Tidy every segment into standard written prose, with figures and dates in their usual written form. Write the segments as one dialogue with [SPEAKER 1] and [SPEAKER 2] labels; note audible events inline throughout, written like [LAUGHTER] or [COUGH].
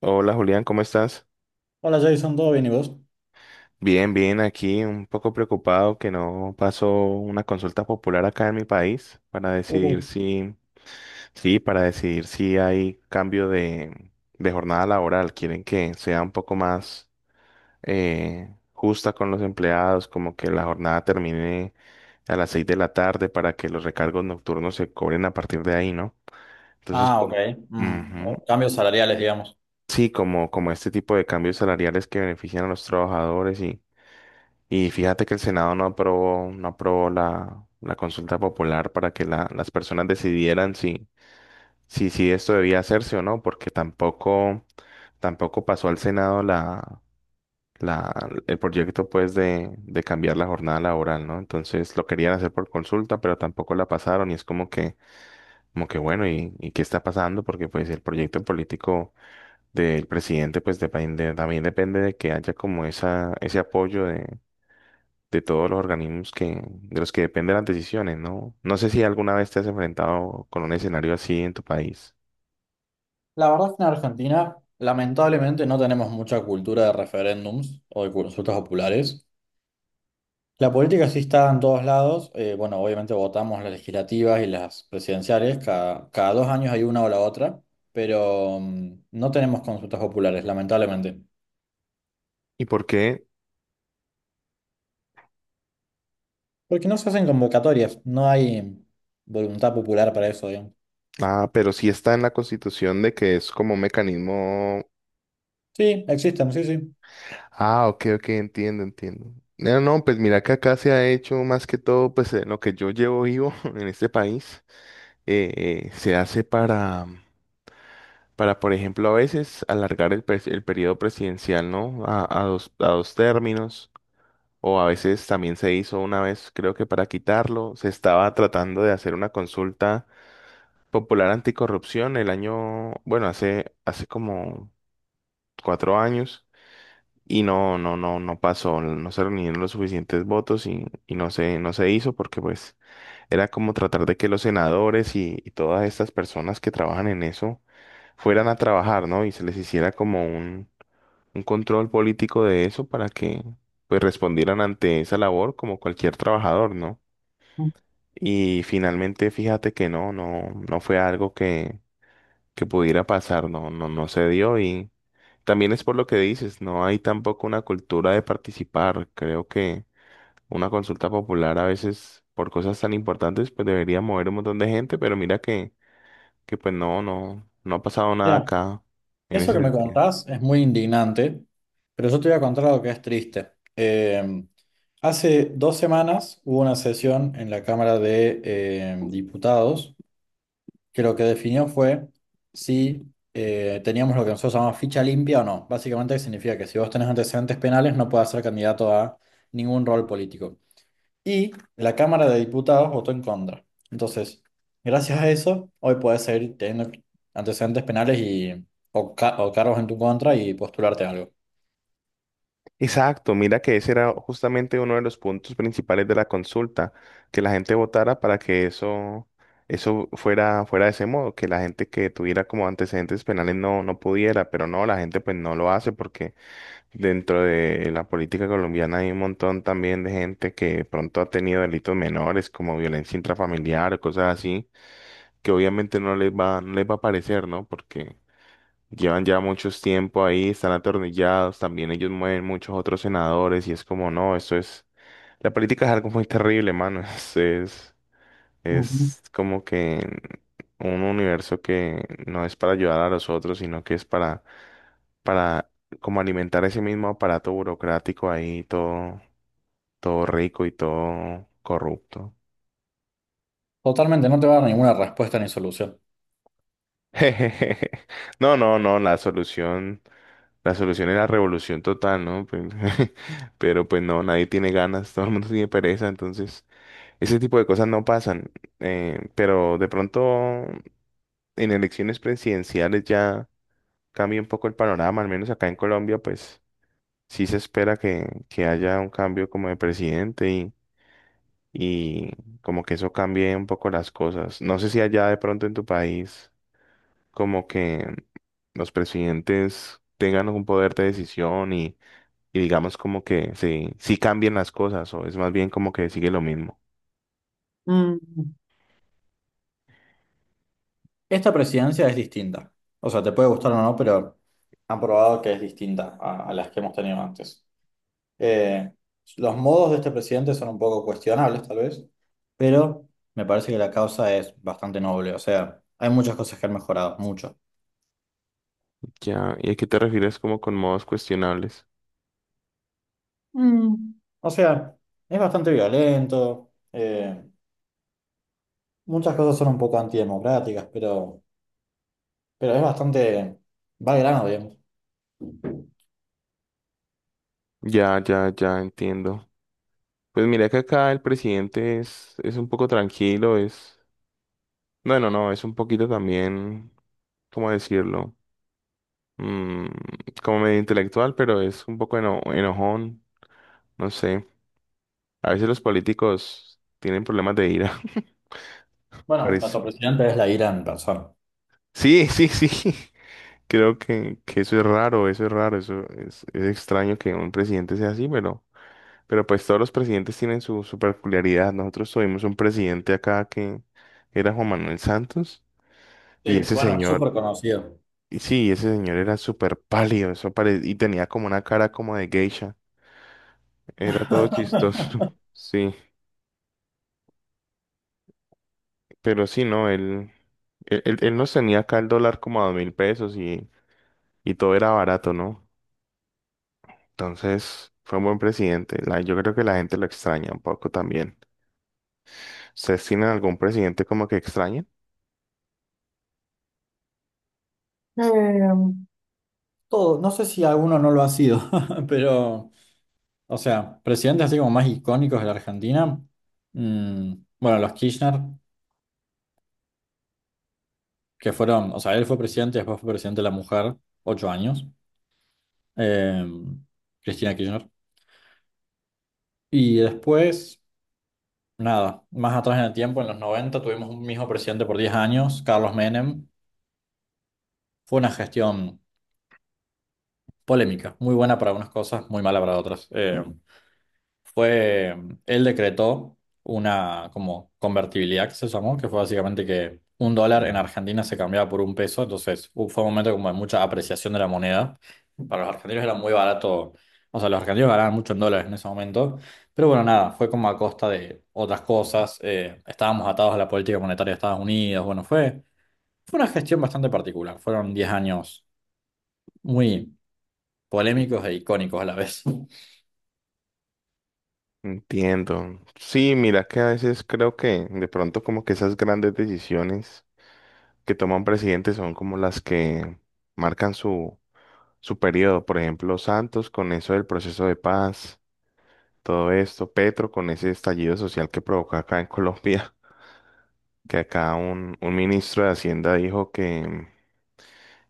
[SPEAKER 1] Hola Julián, ¿cómo estás?
[SPEAKER 2] Hola Jason, ¿todo bien y vos?
[SPEAKER 1] Bien, bien, aquí un poco preocupado que no pasó una consulta popular acá en mi país para
[SPEAKER 2] Uh,
[SPEAKER 1] decidir si, sí, para decidir si hay cambio de jornada laboral. Quieren que sea un poco más justa con los empleados, como que la jornada termine a las 6 de la tarde para que los recargos nocturnos se cobren a partir de ahí, ¿no? Entonces,
[SPEAKER 2] Ah, ok.
[SPEAKER 1] como- Ujú.
[SPEAKER 2] Cambios salariales, digamos.
[SPEAKER 1] Sí, como, como este tipo de cambios salariales que benefician a los trabajadores y fíjate que el Senado no aprobó, no aprobó la consulta popular para que la- las personas decidieran si, si, si esto debía hacerse o no, porque tampoco, tampoco pasó al Senado la, el proyecto pues de cambiar la jornada laboral, ¿no? Entonces lo querían hacer por consulta, pero tampoco la pasaron y es como que bueno, y qué está pasando? Porque pues el proyecto político del presidente pues depende, también depende de que haya como esa, ese apoyo de todos los organismos que, de los que dependen las decisiones, ¿no? No sé si alguna vez te has enfrentado con un escenario así en tu país.
[SPEAKER 2] La verdad es que en Argentina, lamentablemente, no tenemos mucha cultura de referéndums o de consultas populares. La política sí está en todos lados. Bueno, obviamente votamos las legislativas y las presidenciales. Cada 2 años hay una o la otra, pero no tenemos consultas populares, lamentablemente.
[SPEAKER 1] ¿Y por qué?
[SPEAKER 2] Porque no se hacen convocatorias, no hay voluntad popular para eso, digamos.
[SPEAKER 1] Ah, pero sí está en la Constitución de que es como un mecanismo.
[SPEAKER 2] Sí, existen, sí,
[SPEAKER 1] Ah, ok, ok, entiendo, entiendo. No, no, pues mira que acá se ha hecho más que todo, pues en lo que yo llevo vivo [LAUGHS] en este país, eh, se hace para, por ejemplo, a veces alargar el, pres- el periodo presidencial, ¿no? A dos términos. O a veces también se hizo una vez, creo que para quitarlo, se estaba tratando de hacer una consulta popular anticorrupción el año, bueno, hace, hace como 4 años y no, no, no, no pasó, no se reunieron los suficientes votos y no se, no se hizo porque pues era como tratar de que los senadores y todas estas personas que trabajan en eso fueran a trabajar, ¿no? Y se les hiciera como un control político de eso para que pues respondieran ante esa labor como cualquier trabajador, ¿no? Y finalmente, fíjate que no, no, no fue algo que pudiera pasar, no, no, no se dio. Y también es por lo que dices, no hay tampoco una cultura de participar. Creo que una consulta popular a veces por cosas tan importantes, pues debería mover un montón de gente, pero mira que pues no, no, no ha pasado
[SPEAKER 2] sí.
[SPEAKER 1] nada acá en
[SPEAKER 2] Eso
[SPEAKER 1] ese
[SPEAKER 2] que me
[SPEAKER 1] sentido.
[SPEAKER 2] contás es muy indignante, pero yo te voy a contar algo que es triste. Hace 2 semanas hubo una sesión en la Cámara de Diputados que lo que definió fue si teníamos lo que nosotros llamamos ficha limpia o no. Básicamente significa que si vos tenés antecedentes penales no puedes ser candidato a ningún rol político. Y la Cámara de Diputados votó en contra. Entonces, gracias a eso, hoy puedes seguir teniendo antecedentes penales y, o cargos en tu contra y postularte a algo.
[SPEAKER 1] Exacto, mira que ese era justamente uno de los puntos principales de la consulta, que la gente votara para que eso fuera, fuera de ese modo, que la gente que tuviera como antecedentes penales no, no pudiera, pero no, la gente pues no lo hace porque dentro de la política colombiana hay un montón también de gente que de pronto ha tenido delitos menores como violencia intrafamiliar o cosas así, que obviamente no les va, no les va a parecer, ¿no? Porque llevan ya muchos tiempo ahí, están atornillados, también ellos mueven muchos otros senadores y es como, no, eso es, la política es algo muy terrible, mano, [LAUGHS]
[SPEAKER 2] Ujú.
[SPEAKER 1] es como que un universo que no es para ayudar a los otros, sino que es para como alimentar ese mismo aparato burocrático ahí, todo, todo rico y todo corrupto.
[SPEAKER 2] Totalmente, no te va a dar ninguna respuesta ni solución.
[SPEAKER 1] [LAUGHS] Jejeje. No, no, no, la solución es la revolución total, ¿no? Pues, [LAUGHS] pero pues no, nadie tiene ganas, todo el mundo tiene pereza, entonces ese tipo de cosas no pasan. Pero de pronto en elecciones presidenciales ya cambia un poco el panorama, al menos acá en Colombia, pues sí se espera que haya un cambio como de presidente y como que eso cambie un poco las cosas. No sé si allá de pronto en tu país. Como que los presidentes tengan un poder de decisión y digamos como que sí, sí cambien las cosas o es más bien como que sigue lo mismo.
[SPEAKER 2] Mm, Esta presidencia es distinta. O sea, te puede gustar o no, pero han probado que es distinta a las que hemos tenido antes. Eh, los modos de este presidente son un poco cuestionables, tal vez, pero me parece que la causa es bastante noble. O sea, hay muchas cosas que han mejorado, mucho.
[SPEAKER 1] Ya, ¿y a qué te refieres como con modos cuestionables?
[SPEAKER 2] O sea, es bastante violento, muchas cosas son un poco antidemocráticas, pero es bastante, va al grano, digamos.
[SPEAKER 1] Ya, ya, ya entiendo. Pues mira que acá el presidente es un poco tranquilo, es... Bueno, no, no, es un poquito también, ¿cómo decirlo? Mm, como medio intelectual, pero es un poco eno- enojón, no sé. A veces los políticos tienen problemas de ira.
[SPEAKER 2] Bueno,
[SPEAKER 1] Parece.
[SPEAKER 2] nuestro presidente es la ira en persona.
[SPEAKER 1] Sí, sí, sí. [LAUGHS] Creo que eso es raro, eso es raro, eso es extraño que un presidente sea así, pero pues todos los presidentes tienen su, su peculiaridad. Nosotros tuvimos un presidente acá que era Juan Manuel Santos y
[SPEAKER 2] Sí,
[SPEAKER 1] ese
[SPEAKER 2] bueno,
[SPEAKER 1] señor,
[SPEAKER 2] súper conocido.
[SPEAKER 1] y sí, ese señor era súper pálido, eso pare- y tenía como una cara como de geisha. Era todo chistoso.
[SPEAKER 2] [LAUGHS]
[SPEAKER 1] [LAUGHS] Sí, pero sí, no, él, él nos tenía acá el dólar como a 2000 pesos y todo era barato, ¿no? Entonces, fue un buen presidente. La- yo creo que la gente lo extraña un poco también. ¿Ustedes tienen algún presidente como que extrañen?
[SPEAKER 2] Todo, no sé si alguno no lo ha sido, [LAUGHS] pero... O sea, presidentes así como más icónicos de la Argentina. mm, bueno, los Kirchner, que fueron, o sea, él fue presidente, después fue presidente de la mujer, 8 años, eh, Cristina Kirchner. Y después, nada, más atrás en el tiempo, en los 90 tuvimos un mismo presidente por 10 años, Carlos Menem. Fue una gestión polémica, muy buena para unas cosas, muy mala para otras. Fue, Él decretó una como convertibilidad que se llamó, que fue básicamente que un dólar en Argentina se cambiaba por un peso, entonces fue un momento como de mucha apreciación de la moneda. Para los argentinos era muy barato, o sea, los argentinos ganaban mucho en dólares en ese momento, pero bueno, nada, fue como a costa de otras cosas, estábamos atados a la política monetaria de Estados Unidos, fue una gestión bastante particular, fueron 10 años muy polémicos e icónicos a la vez.
[SPEAKER 1] Entiendo. Sí, mira que a veces creo que de pronto como que esas grandes decisiones que toma un presidente son como las que marcan su, su periodo. Por ejemplo, Santos con eso del proceso de paz, todo esto, Petro con ese estallido social que provocó acá en Colombia, [LAUGHS] que acá un ministro de Hacienda dijo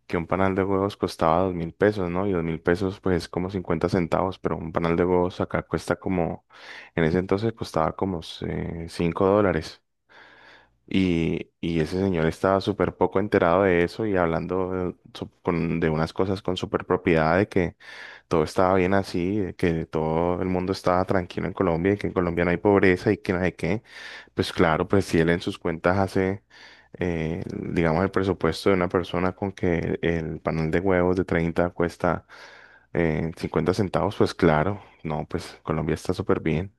[SPEAKER 1] que un panal de huevos costaba 2000 pesos, ¿no? Y 2000 pesos, pues es como 50 centavos, pero un panal de huevos acá cuesta como, en ese entonces costaba como 5 dólares. Y ese señor estaba súper poco enterado de eso y hablando de, su- con- de unas cosas con súper propiedad, de que todo estaba bien así, de que todo el mundo estaba tranquilo en Colombia y que en Colombia no hay pobreza y que no sé qué. Pues claro, pues si él en sus cuentas hace, digamos, el presupuesto de una persona con que el panel de huevos de 30 cuesta 50 centavos, pues claro, no, pues Colombia está súper bien.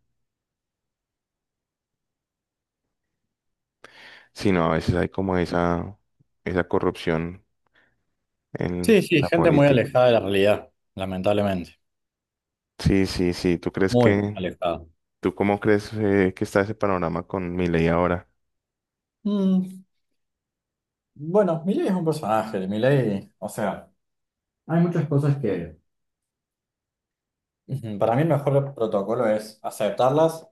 [SPEAKER 1] Sino a veces hay como esa corrupción
[SPEAKER 2] Sí,
[SPEAKER 1] en
[SPEAKER 2] sí,
[SPEAKER 1] la
[SPEAKER 2] gente muy
[SPEAKER 1] política.
[SPEAKER 2] alejada de la realidad, lamentablemente.
[SPEAKER 1] Sí, sí, sí. ¿Tú crees
[SPEAKER 2] Muy
[SPEAKER 1] que,
[SPEAKER 2] alejado.
[SPEAKER 1] tú cómo crees que está ese panorama con Milei ahora?
[SPEAKER 2] Mm, bueno, Milei es un personaje. Milei, o sea, hay muchas cosas que ujú, para mí el mejor protocolo es aceptarlas,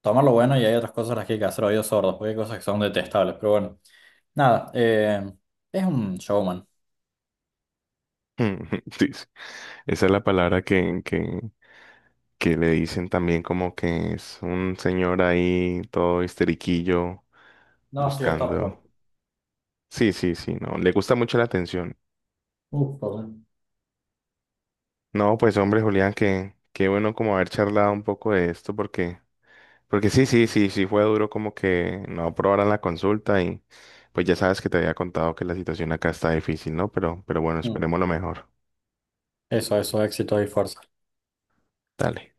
[SPEAKER 2] tomar lo bueno y hay otras cosas las que hay que hacer oídos sordos, porque hay cosas que son detestables. Pero bueno, nada, es un showman.
[SPEAKER 1] [LAUGHS] Dice, esa es la palabra que le dicen también como que es un señor ahí todo histeriquillo
[SPEAKER 2] No, sí, está,
[SPEAKER 1] buscando.
[SPEAKER 2] pero...
[SPEAKER 1] Sí, sí, sí, no, le gusta mucho la atención.
[SPEAKER 2] Uf, perdón.
[SPEAKER 1] No, pues hombre, Julián, que qué bueno como haber charlado un poco de esto porque porque sí, sí, sí, sí fue duro como que no aprobaran la consulta y pues ya sabes que te había contado que la situación acá está difícil, ¿no? Pero bueno,
[SPEAKER 2] Mm,
[SPEAKER 1] esperemos lo mejor.
[SPEAKER 2] Eso, eso, éxito y fuerza.
[SPEAKER 1] Dale.